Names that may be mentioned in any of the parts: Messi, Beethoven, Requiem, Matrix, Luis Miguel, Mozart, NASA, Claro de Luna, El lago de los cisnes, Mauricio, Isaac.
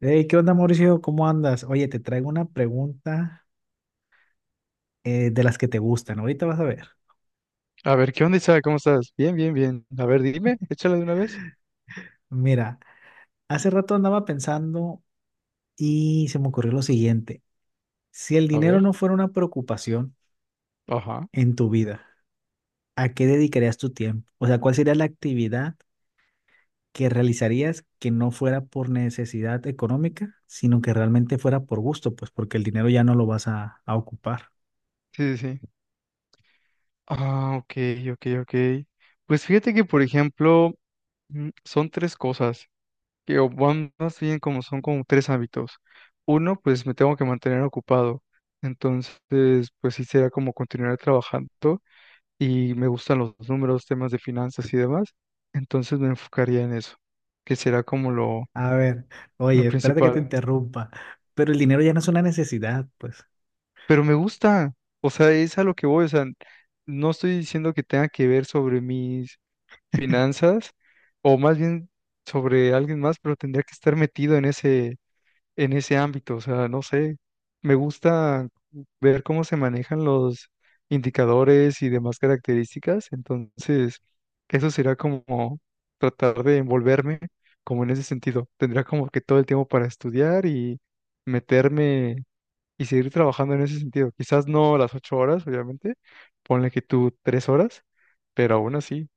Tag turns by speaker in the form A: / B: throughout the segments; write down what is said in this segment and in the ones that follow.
A: Hey, ¿qué onda, Mauricio? ¿Cómo andas? Oye, te traigo una pregunta de las que te gustan. Ahorita vas a ver.
B: A ver, ¿qué onda, Isaac? ¿Cómo estás? Bien, bien, bien. A ver, dime, échala de una vez.
A: Mira, hace rato andaba pensando y se me ocurrió lo siguiente. Si el
B: A
A: dinero
B: ver,
A: no fuera una preocupación
B: ajá.
A: en tu vida, ¿a qué dedicarías tu tiempo? O sea, ¿cuál sería la actividad que realizarías que no fuera por necesidad económica, sino que realmente fuera por gusto? Pues porque el dinero ya no lo vas a ocupar.
B: Sí, sí, sí. Ah, ok, ok, ok. Pues fíjate que, por ejemplo, son tres cosas, que o van más bien como son como tres hábitos. Uno, pues me tengo que mantener ocupado. Entonces, pues sí será como continuar trabajando y me gustan los números, temas de finanzas y demás. Entonces me enfocaría en eso, que será como
A: A ver,
B: lo
A: oye, espérate que te
B: principal.
A: interrumpa, pero el dinero ya no es una necesidad, pues.
B: Pero me gusta, o sea, es a lo que voy, o sea, no estoy diciendo que tenga que ver sobre mis finanzas o más bien sobre alguien más, pero tendría que estar metido en ese ámbito, o sea, no sé, me gusta ver cómo se manejan los indicadores y demás características, entonces eso será como tratar de envolverme como en ese sentido, tendría como que todo el tiempo para estudiar y meterme y seguir trabajando en ese sentido. Quizás no las 8 horas, obviamente, ponle que tú 3 horas, pero aún así,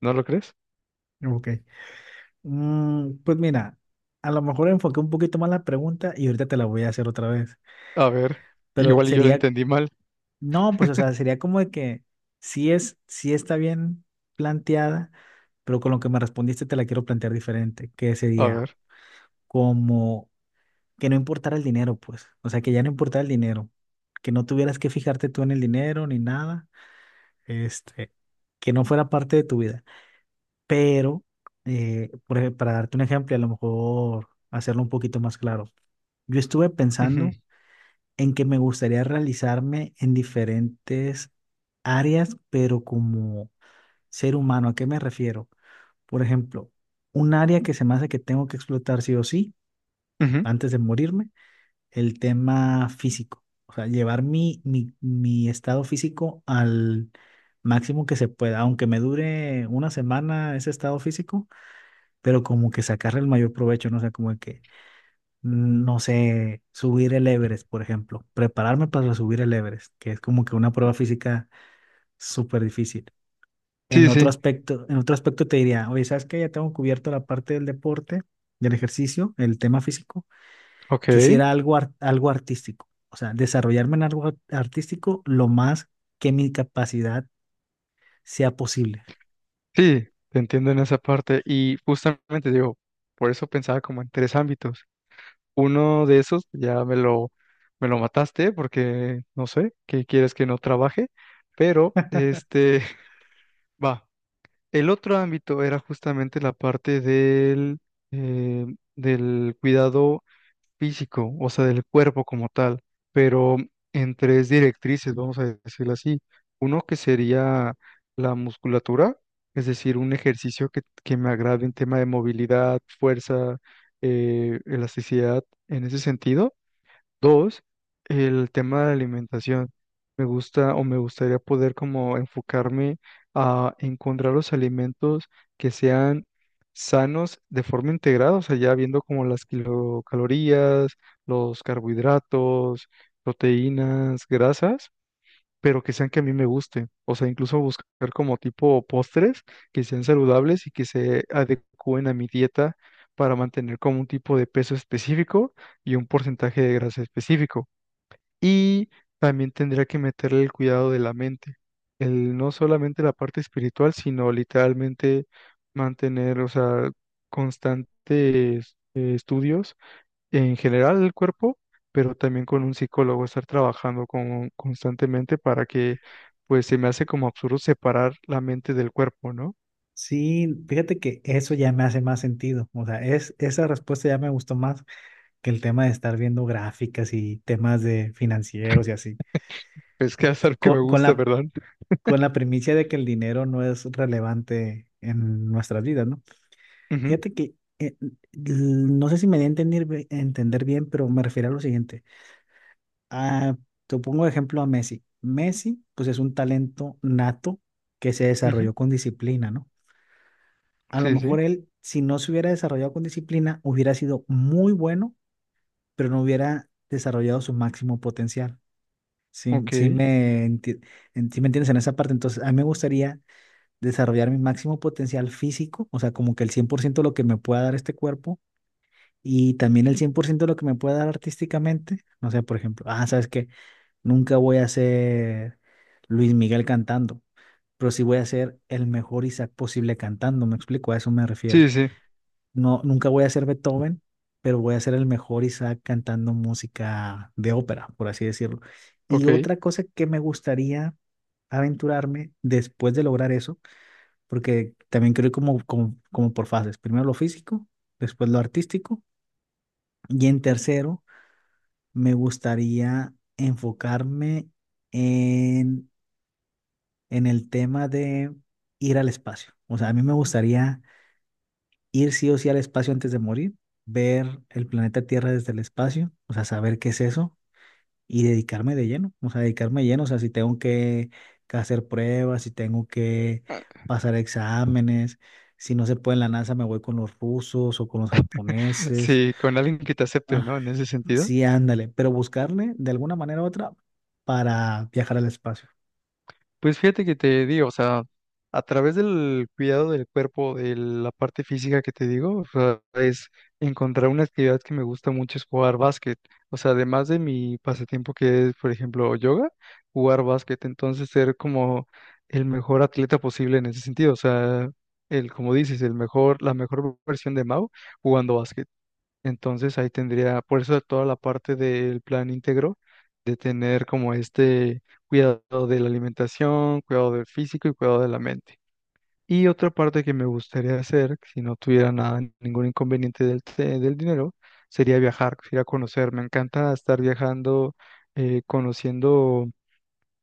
B: ¿no lo crees?
A: Ok. Pues mira, a lo mejor enfoqué un poquito más la pregunta y ahorita te la voy a hacer otra vez.
B: A ver,
A: Pero
B: igual y yo lo
A: sería,
B: entendí mal.
A: no, pues o sea, sería como de que sí es, sí está bien planteada, pero con lo que me respondiste te la quiero plantear diferente, que
B: A
A: sería
B: ver.
A: como que no importara el dinero, pues. O sea, que ya no importara el dinero, que no tuvieras que fijarte tú en el dinero ni nada, este, que no fuera parte de tu vida. Pero, para darte un ejemplo, y a lo mejor hacerlo un poquito más claro, yo estuve
B: Ujú,
A: pensando en que me gustaría realizarme en diferentes áreas, pero como ser humano, ¿a qué me refiero? Por ejemplo, un área que se me hace que tengo que explotar sí o sí,
B: ujú.
A: antes de morirme, el tema físico. O sea, llevar mi estado físico al máximo que se pueda, aunque me dure una semana ese estado físico, pero como que sacarle el mayor provecho, no sé, como de que, no sé, subir el Everest, por ejemplo, prepararme para subir el Everest, que es como que una prueba física súper difícil.
B: Sí, sí,
A: En otro aspecto te diría, oye, ¿sabes qué? Ya tengo cubierto la parte del deporte, del ejercicio, el tema físico,
B: ok.
A: quisiera algo artístico, o sea, desarrollarme en artístico lo más que mi capacidad sea posible.
B: Sí, te entiendo en esa parte. Y justamente digo, por eso pensaba como en tres ámbitos. Uno de esos ya me lo mataste porque no sé, que quieres que no trabaje, pero este, va. El otro ámbito era justamente la parte del, eh, del cuidado físico, o sea, del cuerpo como tal, pero en tres directrices, vamos a decirlo así. Uno que sería la musculatura, es decir, un ejercicio que me agrade en tema de movilidad, fuerza, elasticidad, en ese sentido. Dos, el tema de la alimentación. Me gusta o me gustaría poder como enfocarme a encontrar los alimentos que sean sanos de forma integrada, o sea, ya viendo como las kilocalorías, los carbohidratos, proteínas, grasas pero que sean que a mí me gusten. O sea, incluso buscar como tipo postres que sean saludables y que se adecúen a mi dieta para mantener como un tipo de peso específico y un porcentaje de grasa específico. Y también tendría que meterle el cuidado de la mente, el no solamente la parte espiritual, sino literalmente mantener, o sea, constantes estudios en general el cuerpo, pero también con un psicólogo, estar trabajando con, constantemente para que, pues se me hace como absurdo separar la mente del cuerpo, ¿no?
A: Sí, fíjate que eso ya me hace más sentido. O sea, esa respuesta ya me gustó más que el tema de estar viendo gráficas y temas de financieros y así,
B: Es que es algo que me
A: con, con
B: gusta,
A: la,
B: ¿verdad?
A: con la primicia de que el dinero no es relevante en nuestras vidas, ¿no?
B: Ujú,
A: Fíjate que, no sé si me di a entender bien, pero me refiero a lo siguiente. Ah, te pongo de ejemplo a Messi. Messi, pues es un talento nato que se
B: ujú,
A: desarrolló con disciplina, ¿no? A lo
B: sí, sí,
A: mejor él, si no se hubiera desarrollado con disciplina, hubiera sido muy bueno, pero no hubiera desarrollado su máximo potencial. Sí,
B: ok,
A: sí me enti- en- sí me entiendes en esa parte. Entonces, a mí me gustaría desarrollar mi máximo potencial físico, o sea, como que el 100% lo que me pueda dar este cuerpo y también el 100% lo que me pueda dar artísticamente. No sé, por ejemplo, ah, ¿sabes qué? Nunca voy a ser Luis Miguel cantando, pero sí voy a ser el mejor Isaac posible cantando, me explico, a eso me refiero.
B: sí, sí, sí.
A: No, nunca voy a ser Beethoven, pero voy a ser el mejor Isaac cantando música de ópera, por así decirlo. Y
B: Ok,
A: otra cosa que me gustaría aventurarme después de lograr eso, porque también creo como por fases. Primero lo físico, después lo artístico. Y en tercero, me gustaría enfocarme en, en el tema de ir al espacio. O sea, a mí me gustaría ir sí o sí al espacio antes de morir, ver el planeta Tierra desde el espacio, o sea, saber qué es eso y dedicarme de lleno, o sea, dedicarme de lleno, o sea, si tengo que hacer pruebas, si tengo que pasar exámenes, si no se puede en la NASA me voy con los rusos o con los japoneses.
B: sí, con alguien que te acepte,
A: Ah,
B: ¿no? En ese sentido.
A: sí, ándale, pero buscarle de alguna manera u otra para viajar al espacio.
B: Pues fíjate que te digo, o sea, a través del cuidado del cuerpo, de la parte física que te digo, o sea, es encontrar una actividad que me gusta mucho es jugar básquet. O sea, además de mi pasatiempo que es, por ejemplo, yoga, jugar básquet, entonces ser como el mejor atleta posible en ese sentido. O sea, el, como dices, el mejor, la mejor versión de Mau jugando básquet. Entonces ahí tendría, por eso toda la parte del plan íntegro, de tener como este cuidado de la alimentación, cuidado del físico y cuidado de la mente. Y otra parte que me gustaría hacer, si no tuviera nada, ningún inconveniente del, te- del dinero, sería viajar, ir a conocer. Me encanta estar viajando, conociendo.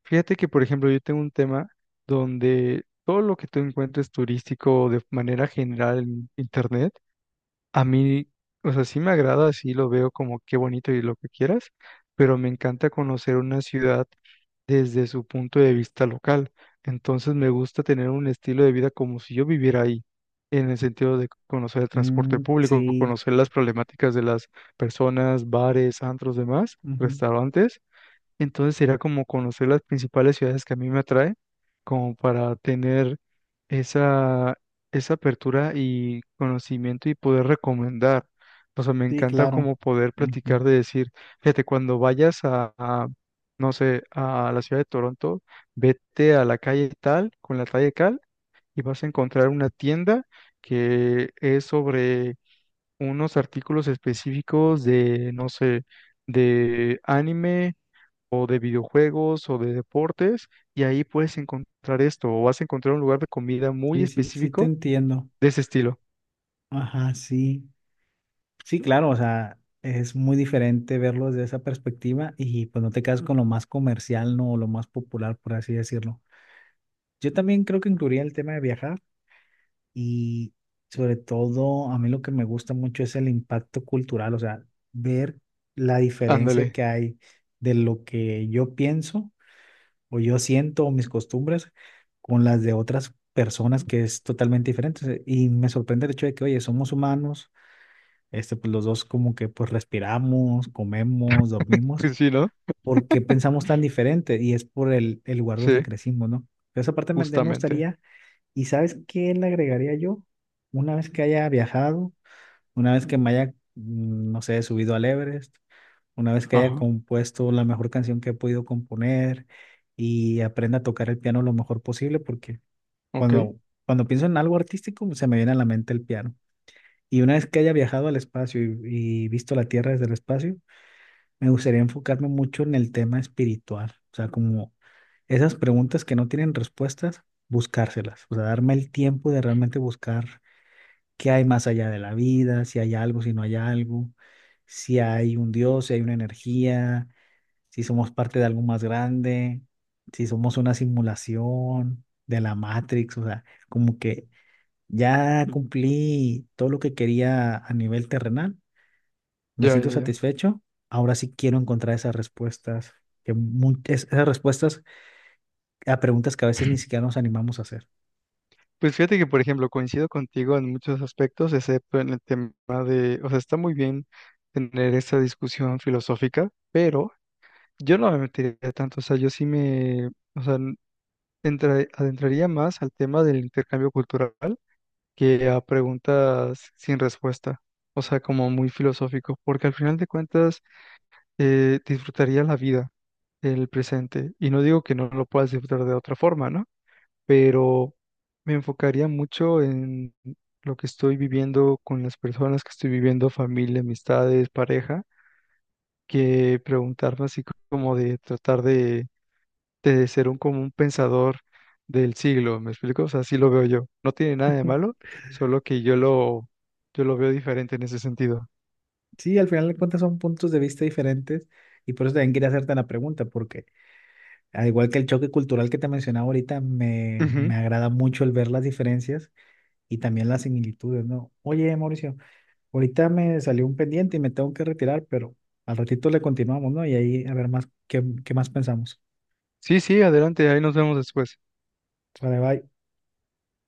B: Fíjate que, por ejemplo, yo tengo un tema donde todo lo que tú encuentres turístico de manera general en Internet, a mí, o sea, sí me agrada, sí lo veo como qué bonito y lo que quieras, pero me encanta conocer una ciudad desde su punto de vista local. Entonces me gusta tener un estilo de vida como si yo viviera ahí, en el sentido de conocer el transporte
A: Mm,
B: público,
A: sí.
B: conocer las problemáticas de las personas, bares, antros, demás,
A: Ujú.
B: restaurantes entonces era como conocer las principales ciudades que a mí me atrae, como para tener esa, esa apertura y conocimiento y poder recomendar. O sea, me
A: Sí,
B: encanta
A: claro.
B: como poder
A: Ujú.
B: practicar de decir, fíjate, cuando vayas a, no sé, a la ciudad de Toronto, vete a la calle tal, con la calle tal, y vas a encontrar una tienda que es sobre unos artículos específicos de, no sé, de anime o de videojuegos o de deportes, y ahí puedes encontrar esto, o vas a encontrar un lugar de comida muy
A: Sí, sí, sí te
B: específico
A: entiendo.
B: de ese estilo.
A: Ajá, sí. Sí, claro, o sea, es muy diferente verlo desde esa perspectiva y pues no te quedas con lo más comercial, no, o lo más popular, por así decirlo. Yo también creo que incluiría el tema de viajar y sobre todo a mí lo que me gusta mucho es el impacto cultural, o sea, ver la diferencia
B: Ándale,
A: que hay de lo que yo pienso o yo siento o mis costumbres con las de otras personas que es totalmente diferente. O sea, y me sorprende el hecho de que, oye, somos humanos, pues los dos como que pues respiramos, comemos, dormimos.
B: pues sí, ¿no?
A: ¿Por qué pensamos tan diferente? Y es por el lugar donde
B: Sí,
A: crecimos, ¿no? Pero esa parte me
B: justamente.
A: gustaría, ¿y sabes qué le agregaría yo? Una vez que haya viajado, una vez que me haya no sé, subido al Everest, una vez que haya
B: Ajá,
A: compuesto la mejor canción que he podido componer y aprenda a tocar el piano lo mejor posible, porque
B: ok,
A: cuando, cuando pienso en algo artístico, se me viene a la mente el piano. Y una vez que haya viajado al espacio y visto la Tierra desde el espacio, me gustaría enfocarme mucho en el tema espiritual. O sea, como esas preguntas que no tienen respuestas, buscárselas. O sea, darme el tiempo de realmente buscar qué hay más allá de la vida, si hay algo, si no hay algo, si hay un Dios, si hay una energía, si somos parte de algo más grande, si somos una simulación de la Matrix. O sea, como que ya cumplí todo lo que quería a nivel terrenal, me
B: ya,
A: siento
B: ya, ya.
A: satisfecho. Ahora sí quiero encontrar esas respuestas, esas respuestas a preguntas que a veces ni siquiera nos animamos a hacer.
B: Pues fíjate que, por ejemplo, coincido contigo en muchos aspectos, excepto en el tema de, o sea, está muy bien tener esta discusión filosófica, pero yo no me metería tanto, o sea, yo sí me, o sea, entra- adentraría más al tema del intercambio cultural que a preguntas sin respuesta, o sea, como muy filosófico, porque al final de cuentas disfrutaría la vida, el presente, y no digo que no lo puedas disfrutar de otra forma, ¿no? Pero me enfocaría mucho en lo que estoy viviendo con las personas que estoy viviendo, familia, amistades, pareja, que preguntarme así como de tratar de ser un como un pensador del siglo, ¿me explico? O sea, así lo veo yo. No tiene nada de malo, solo que yo lo veo diferente en ese sentido.
A: Sí, al final de cuentas son puntos de vista diferentes y por eso también quería hacerte la pregunta, porque al igual que el choque cultural que te mencionaba ahorita,
B: Ujú.
A: me agrada mucho el ver las diferencias y también las similitudes, ¿no? Oye, Mauricio, ahorita me salió un pendiente y me tengo que retirar, pero al ratito le continuamos, ¿no? Y ahí a ver más, qué más pensamos.
B: Sí, sí, adelante, ahí nos vemos después.
A: Sale, bye.